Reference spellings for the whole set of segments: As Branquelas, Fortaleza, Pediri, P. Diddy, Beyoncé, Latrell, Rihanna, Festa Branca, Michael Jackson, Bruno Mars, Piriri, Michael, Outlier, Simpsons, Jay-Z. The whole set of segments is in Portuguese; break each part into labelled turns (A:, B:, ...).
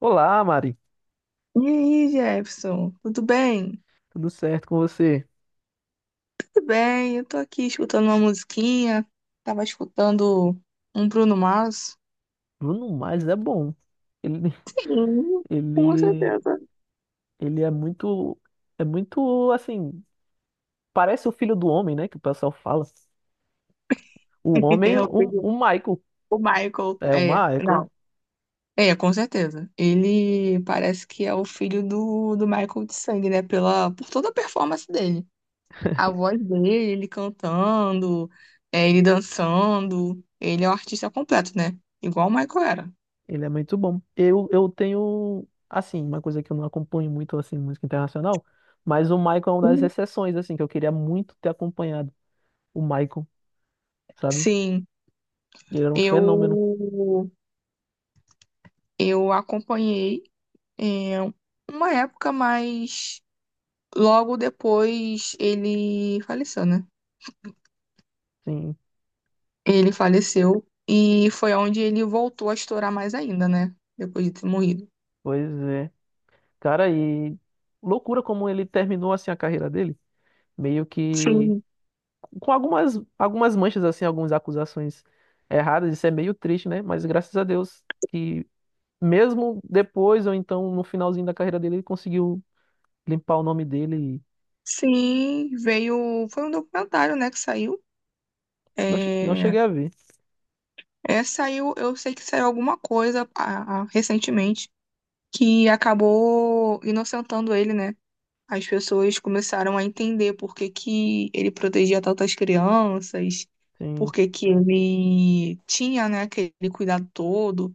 A: Olá, Mari.
B: E aí, Jefferson, tudo bem?
A: Tudo certo com você?
B: Tudo bem, eu tô aqui escutando uma musiquinha, tava escutando um Bruno Mars.
A: Bruno Mars é bom. Ele,
B: Sim, com
A: ele,
B: certeza.
A: ele é muito assim. Parece o filho do homem, né? Que o pessoal fala. O homem,
B: Eu
A: o,
B: pedi
A: o Michael.
B: o Michael,
A: É o
B: é,
A: Michael.
B: não, é, com certeza. Ele parece que é o filho do Michael de sangue, né? Por toda a performance dele. A voz dele, ele cantando, é, ele dançando. Ele é um artista completo, né? Igual o Michael era.
A: Ele é muito bom. Eu tenho, assim, uma coisa que eu não acompanho muito, assim, música internacional. Mas o Michael é uma das exceções, assim, que eu queria muito ter acompanhado. O Michael, sabe?
B: Sim,
A: Ele era um fenômeno.
B: eu Eu acompanhei é, uma época, mas logo depois ele faleceu, né?
A: Sim,
B: Ele faleceu e foi onde ele voltou a estourar mais ainda, né? Depois de ter morrido.
A: pois é. Cara, e loucura como ele terminou assim a carreira dele, meio que
B: Sim.
A: com algumas manchas assim, algumas acusações erradas, isso é meio triste, né? Mas graças a Deus que mesmo depois ou então no finalzinho da carreira dele, ele conseguiu limpar o nome dele e
B: Sim, veio. Foi um documentário, né, que saiu.
A: não, não
B: É,
A: cheguei a ver.
B: é, saiu, eu sei que saiu alguma coisa, recentemente, que acabou inocentando ele, né? As pessoas começaram a entender por que que ele protegia tantas crianças,
A: Sim,
B: por que que ele tinha, né, aquele cuidado todo,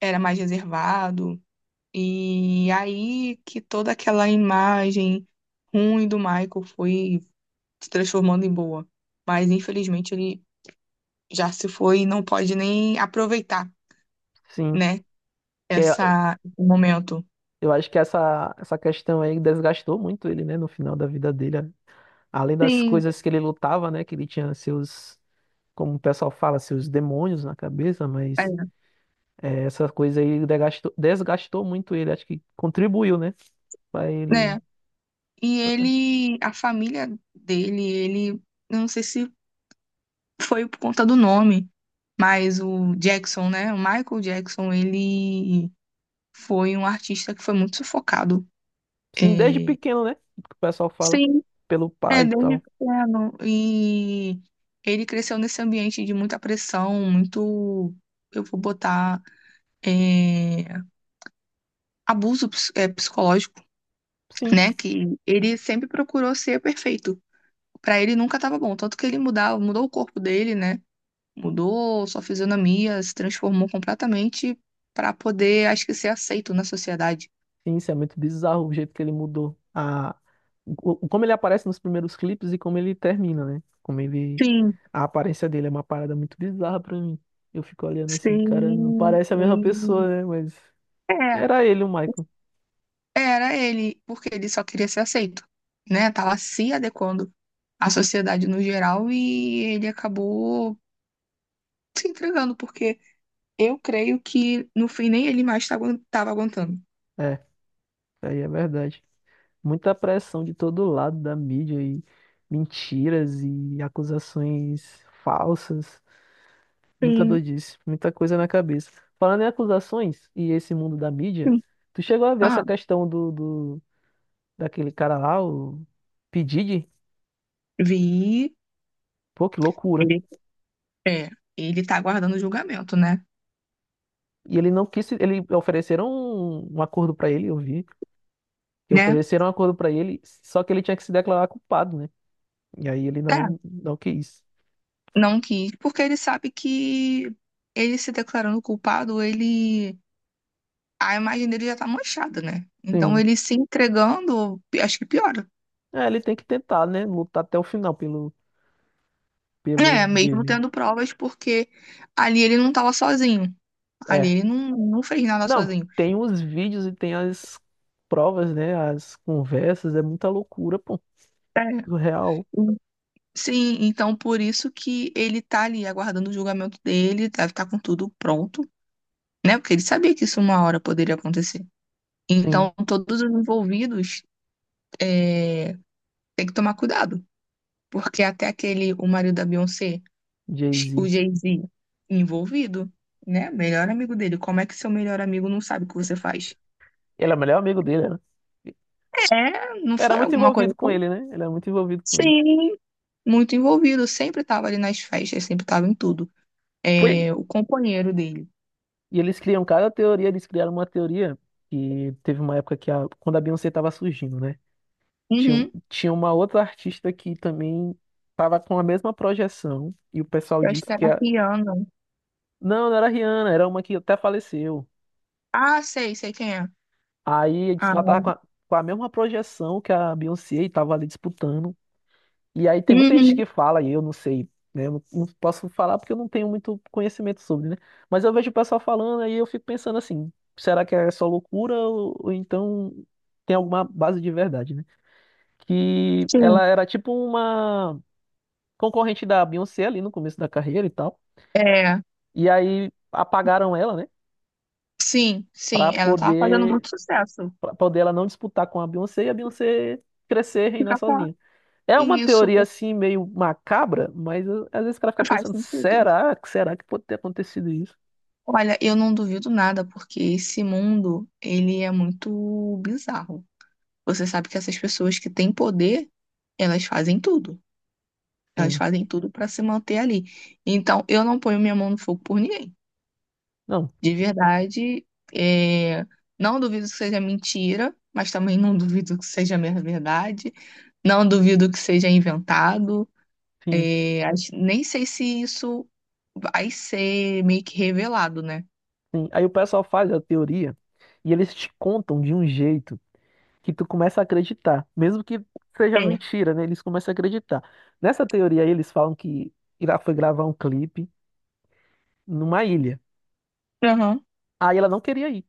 B: era mais reservado. E aí que toda aquela imagem ruim do Michael foi se transformando em boa. Mas infelizmente ele já se foi e não pode nem aproveitar,
A: sim.
B: né,
A: Que é-
B: esse momento.
A: eu acho que essa questão aí desgastou muito ele, né, no final da vida dele. Além das
B: Sim,
A: coisas que ele lutava, né? Que ele tinha seus, como o pessoal fala, seus demônios na cabeça,
B: é,
A: mas é, essa coisa aí desgastou, desgastou muito ele. Acho que contribuiu, né? Pra ele.
B: né? E ele, a família dele, ele, eu não sei se foi por conta do nome, mas o Jackson, né? O Michael Jackson, ele foi um artista que foi muito sufocado.
A: Sim, desde
B: É.
A: pequeno, né? O que o pessoal fala.
B: Sim.
A: Pelo
B: É,
A: pai e
B: desde
A: tal.
B: pequeno. E ele cresceu nesse ambiente de muita pressão, muito, eu vou botar, é, abuso psicológico,
A: Sim.
B: né? Que ele sempre procurou ser perfeito. Pra ele nunca tava bom, tanto que ele mudou o corpo dele, né? Mudou sua fisionomia, se transformou completamente para poder, acho que, ser aceito na sociedade.
A: Sim, isso é muito bizarro o jeito que ele mudou. A... o- Como ele aparece nos primeiros clipes e como ele termina, né? Como ele.
B: Sim,
A: A aparência dele é uma parada muito bizarra pra mim. Eu fico olhando assim, cara, não
B: sim.
A: parece a mesma pessoa, né? Mas.
B: É,
A: Era ele, o Michael.
B: era ele, porque ele só queria ser aceito, né? Tava se adequando à sociedade no geral e ele acabou se entregando, porque eu creio que no fim nem ele mais tava tava aguentando.
A: É, isso aí é verdade. Muita pressão de todo lado da mídia e mentiras e acusações falsas. Muita
B: Sim,
A: doidice, muita coisa na cabeça. Falando em acusações e esse mundo da mídia,
B: sim.
A: tu chegou a ver essa
B: Ah,
A: questão do daquele cara lá, o P. Diddy?
B: vi.
A: Pô, que loucura.
B: Ele, é, ele tá aguardando o julgamento, né?
A: E ele não quis, ele ofereceram um acordo pra ele, eu vi, que
B: Né?
A: ofereceram um acordo pra ele, só que ele tinha que se declarar culpado, né? E aí ele
B: É.
A: não quis.
B: Não quis, porque ele sabe que ele se declarando culpado, ele a imagem dele já tá manchada, né? Então
A: Sim.
B: ele se entregando, acho que piora.
A: É, ele tem que tentar, né? Lutar até o final pelo,
B: É,
A: pelo
B: mesmo
A: dele.
B: tendo provas, porque ali ele não tava sozinho. Ali
A: É.
B: ele não, não fez nada
A: Não,
B: sozinho.
A: tem os vídeos e tem as provas, né? As conversas. É muita loucura, pô.
B: É.
A: Surreal.
B: Sim, então por isso que ele tá ali aguardando o julgamento dele, deve estar com tudo pronto, né? Porque ele sabia que isso uma hora poderia acontecer.
A: Sim,
B: Então todos os envolvidos é, têm que tomar cuidado. Porque até aquele, o marido da Beyoncé, o
A: Jay-Z.
B: Jay-Z, envolvido, né? Melhor amigo dele. Como é que seu melhor amigo não sabe o que você faz?
A: Ele é o melhor amigo dele, né?
B: É, não
A: Era
B: foi
A: muito
B: alguma coisa.
A: envolvido com ele, né? Ele era muito envolvido com ele.
B: Sim, muito envolvido. Sempre estava ali nas festas, sempre estava em tudo.
A: Foi.
B: É, o companheiro dele.
A: E eles criam cada teoria, eles criaram uma teoria que teve uma época que a, quando a Beyoncé tava surgindo, né? Tinha,
B: Uhum.
A: tinha uma outra artista que também tava com a mesma projeção e o pessoal
B: Eu acho
A: disse
B: que
A: que
B: era
A: a,
B: Rihanna.
A: não, não era a Rihanna, era uma que até faleceu.
B: Ah, sei quem é.
A: Aí disse que ela tava
B: Ah,
A: com a mesma projeção que a Beyoncé e tava ali disputando. E aí tem muita gente
B: uhum,
A: que fala, e eu não sei, né? Eu não, não posso falar porque eu não tenho muito conhecimento sobre, né? Mas eu vejo o pessoal falando aí eu fico pensando assim, será que é só loucura ou então tem alguma base de verdade, né? Que
B: sim.
A: ela era tipo uma concorrente da Beyoncé ali no começo da carreira e tal.
B: É,
A: E aí apagaram ela, né?
B: sim,
A: Pra
B: sim. Ela tava fazendo
A: poder
B: muito sucesso.
A: pra poder ela não disputar com a Beyoncé e a Beyoncé crescer e reinar
B: Ficar com ela.
A: sozinha. É uma
B: E isso
A: teoria assim meio macabra, mas às vezes o cara fica
B: faz
A: pensando,
B: sentido.
A: será que pode ter acontecido isso?
B: Olha, eu não duvido nada, porque esse mundo, ele é muito bizarro. Você sabe que essas pessoas que têm poder, elas fazem tudo. Elas
A: Sim.
B: fazem tudo para se manter ali. Então, eu não ponho minha mão no fogo por ninguém.
A: Não,
B: De verdade, é, não duvido que seja mentira, mas também não duvido que seja minha verdade. Não duvido que seja inventado.
A: sim,
B: É, nem sei se isso vai ser meio que revelado, né?
A: sim. Aí o pessoal faz a teoria e eles te contam de um jeito que tu começa a acreditar, mesmo que seja
B: É.
A: mentira, né? Eles começam a acreditar. Nessa teoria aí, eles falam que ela foi gravar um clipe numa ilha.
B: Aham.
A: Aí ela não queria ir.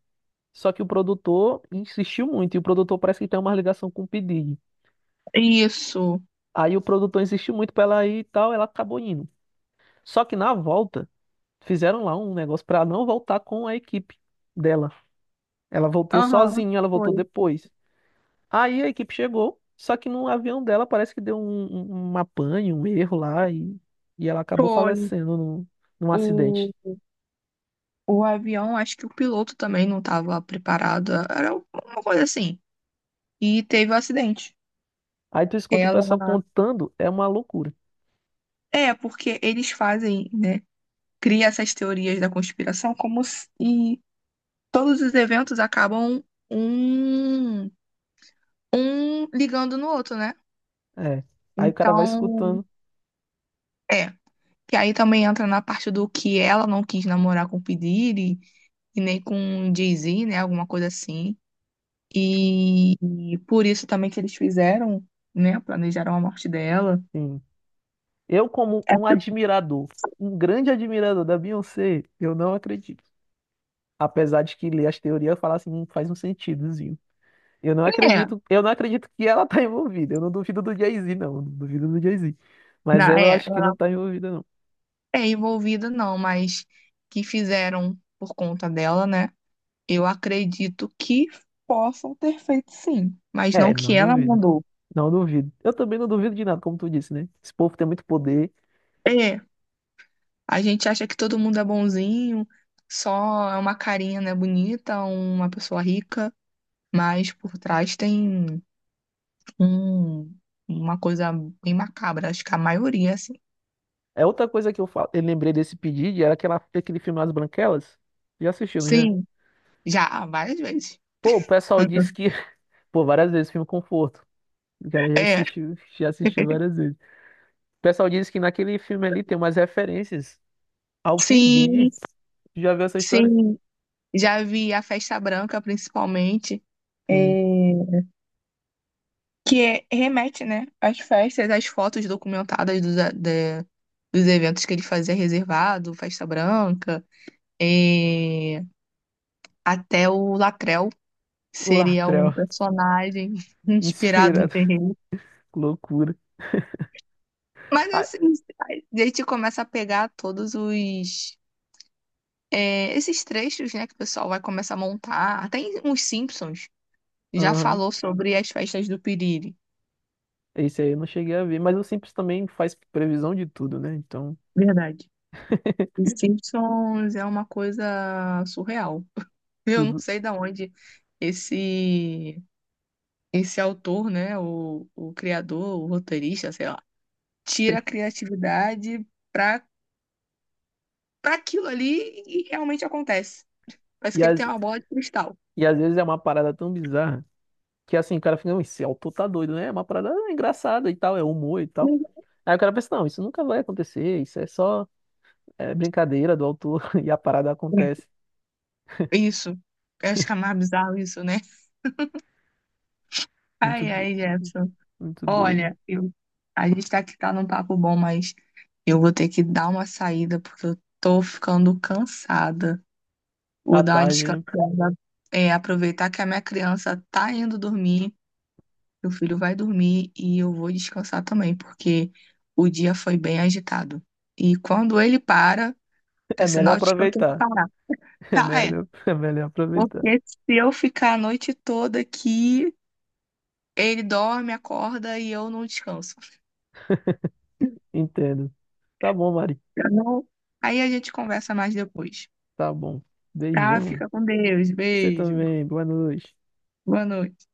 A: Só que o produtor insistiu muito, e o produtor parece que tem uma ligação com o P. Diddy.
B: Isso.
A: Aí o produtor insistiu muito pra ela ir e tal, ela acabou indo. Só que na volta, fizeram lá um negócio pra não voltar com a equipe dela. Ela voltou
B: Aham,
A: sozinha, ela voltou
B: foi.
A: depois. Aí a equipe chegou, só que no avião dela parece que deu um apanho, um erro lá e ela acabou
B: Foi.
A: falecendo num, num
B: O,
A: acidente.
B: o avião, acho que o piloto também não estava preparado. Era uma coisa assim. E teve o acidente.
A: Aí tu escuta o
B: Ela.
A: pessoal contando, é uma loucura.
B: É, porque eles fazem, né? Cria essas teorias da conspiração como se e todos os eventos acabam um, ligando no outro, né?
A: É. Aí o cara vai
B: Então,
A: escutando.
B: é. Que aí também entra na parte do que ela não quis namorar com o Pediri e nem com o Jay-Z, né? Alguma coisa assim. E, e por isso também que eles fizeram, né? Planejaram a morte dela.
A: Sim. Eu, como
B: É,
A: um admirador, um grande admirador da Beyoncé, eu não acredito. Apesar de que ler as teorias falar assim, faz um sentidozinho.
B: é,
A: Eu não acredito que ela tá envolvida. Eu não duvido do Jay-Z, não. Não duvido do Jay-Z. Mas ela eu acho que não
B: ela
A: tá envolvida, não.
B: é envolvida, não, mas que fizeram por conta dela, né? Eu acredito que possam ter feito sim, mas não
A: É,
B: que
A: não
B: ela
A: duvido.
B: mandou.
A: Não duvido. Eu também não duvido de nada, como tu disse, né? Esse povo tem muito poder.
B: É, a gente acha que todo mundo é bonzinho, só é uma carinha, né, bonita, uma pessoa rica, mas por trás tem um, uma coisa bem macabra, acho que a maioria, assim.
A: É outra coisa que falo, eu lembrei desse pedido, era aquela, aquele filme As Branquelas. Já assistiu, não já?
B: Sim. Já, várias vezes.
A: Pô, o pessoal disse que. Pô, várias vezes, filme Conforto. O cara
B: É,
A: já assistiu várias vezes. O pessoal disse que naquele filme ali tem umas referências ao P.
B: sim,
A: Já viu essa história?
B: sim. Já vi a Festa Branca, principalmente,
A: Sim.
B: é, que remete, né, às festas, às fotos documentadas dos eventos que ele fazia reservado, Festa Branca, é, até o Latrell
A: O
B: seria um
A: Latrell.
B: personagem inspirado no
A: Inspirado.
B: terreno.
A: Loucura.
B: Mas,
A: Ah,
B: assim, a gente começa a pegar todos os esses trechos, né, que o pessoal vai começar a montar, até os Simpsons já
A: aham.
B: falou sobre as festas do Piriri.
A: Esse aí eu não cheguei a ver. Mas o Simpsons também faz previsão de tudo, né? Então,
B: Verdade. Os Simpsons é uma coisa surreal. Eu não
A: tudo.
B: sei da onde esse esse autor, né, o criador, o roteirista, sei lá, tira a criatividade para para aquilo ali e realmente acontece. Parece
A: E,
B: que ele tem
A: às
B: uma bola de cristal.
A: e às vezes é uma parada tão bizarra que assim, o cara fica, "Não, esse autor tá doido, né? É uma parada engraçada e tal, é humor e tal. Aí o cara pensa, não, isso nunca vai acontecer, isso é só é, brincadeira do autor e a parada acontece.
B: Isso. Eu acho que é mais bizarro isso, né?
A: Muito,
B: Ai,
A: do-
B: ai, Jefferson.
A: muito doido.
B: Olha, a gente tá aqui, tá num papo bom, mas eu vou ter que dar uma saída porque eu tô ficando cansada. Vou
A: Tá
B: dar uma
A: tarde, né?
B: descansada, aproveitar que a minha criança tá indo dormir, meu filho vai dormir e eu vou descansar também, porque o dia foi bem agitado. E quando ele para, é
A: É melhor
B: sinal de que eu tenho que
A: aproveitar.
B: parar. Ah, é.
A: É melhor aproveitar.
B: Porque se eu ficar a noite toda aqui, ele dorme, acorda e eu não descanso.
A: Entendo. Tá bom, Mari.
B: Tá bom? Aí a gente conversa mais depois.
A: Tá bom.
B: Tá?
A: Beijão.
B: Fica com Deus.
A: Você
B: Beijo.
A: também. Boa noite.
B: Boa noite.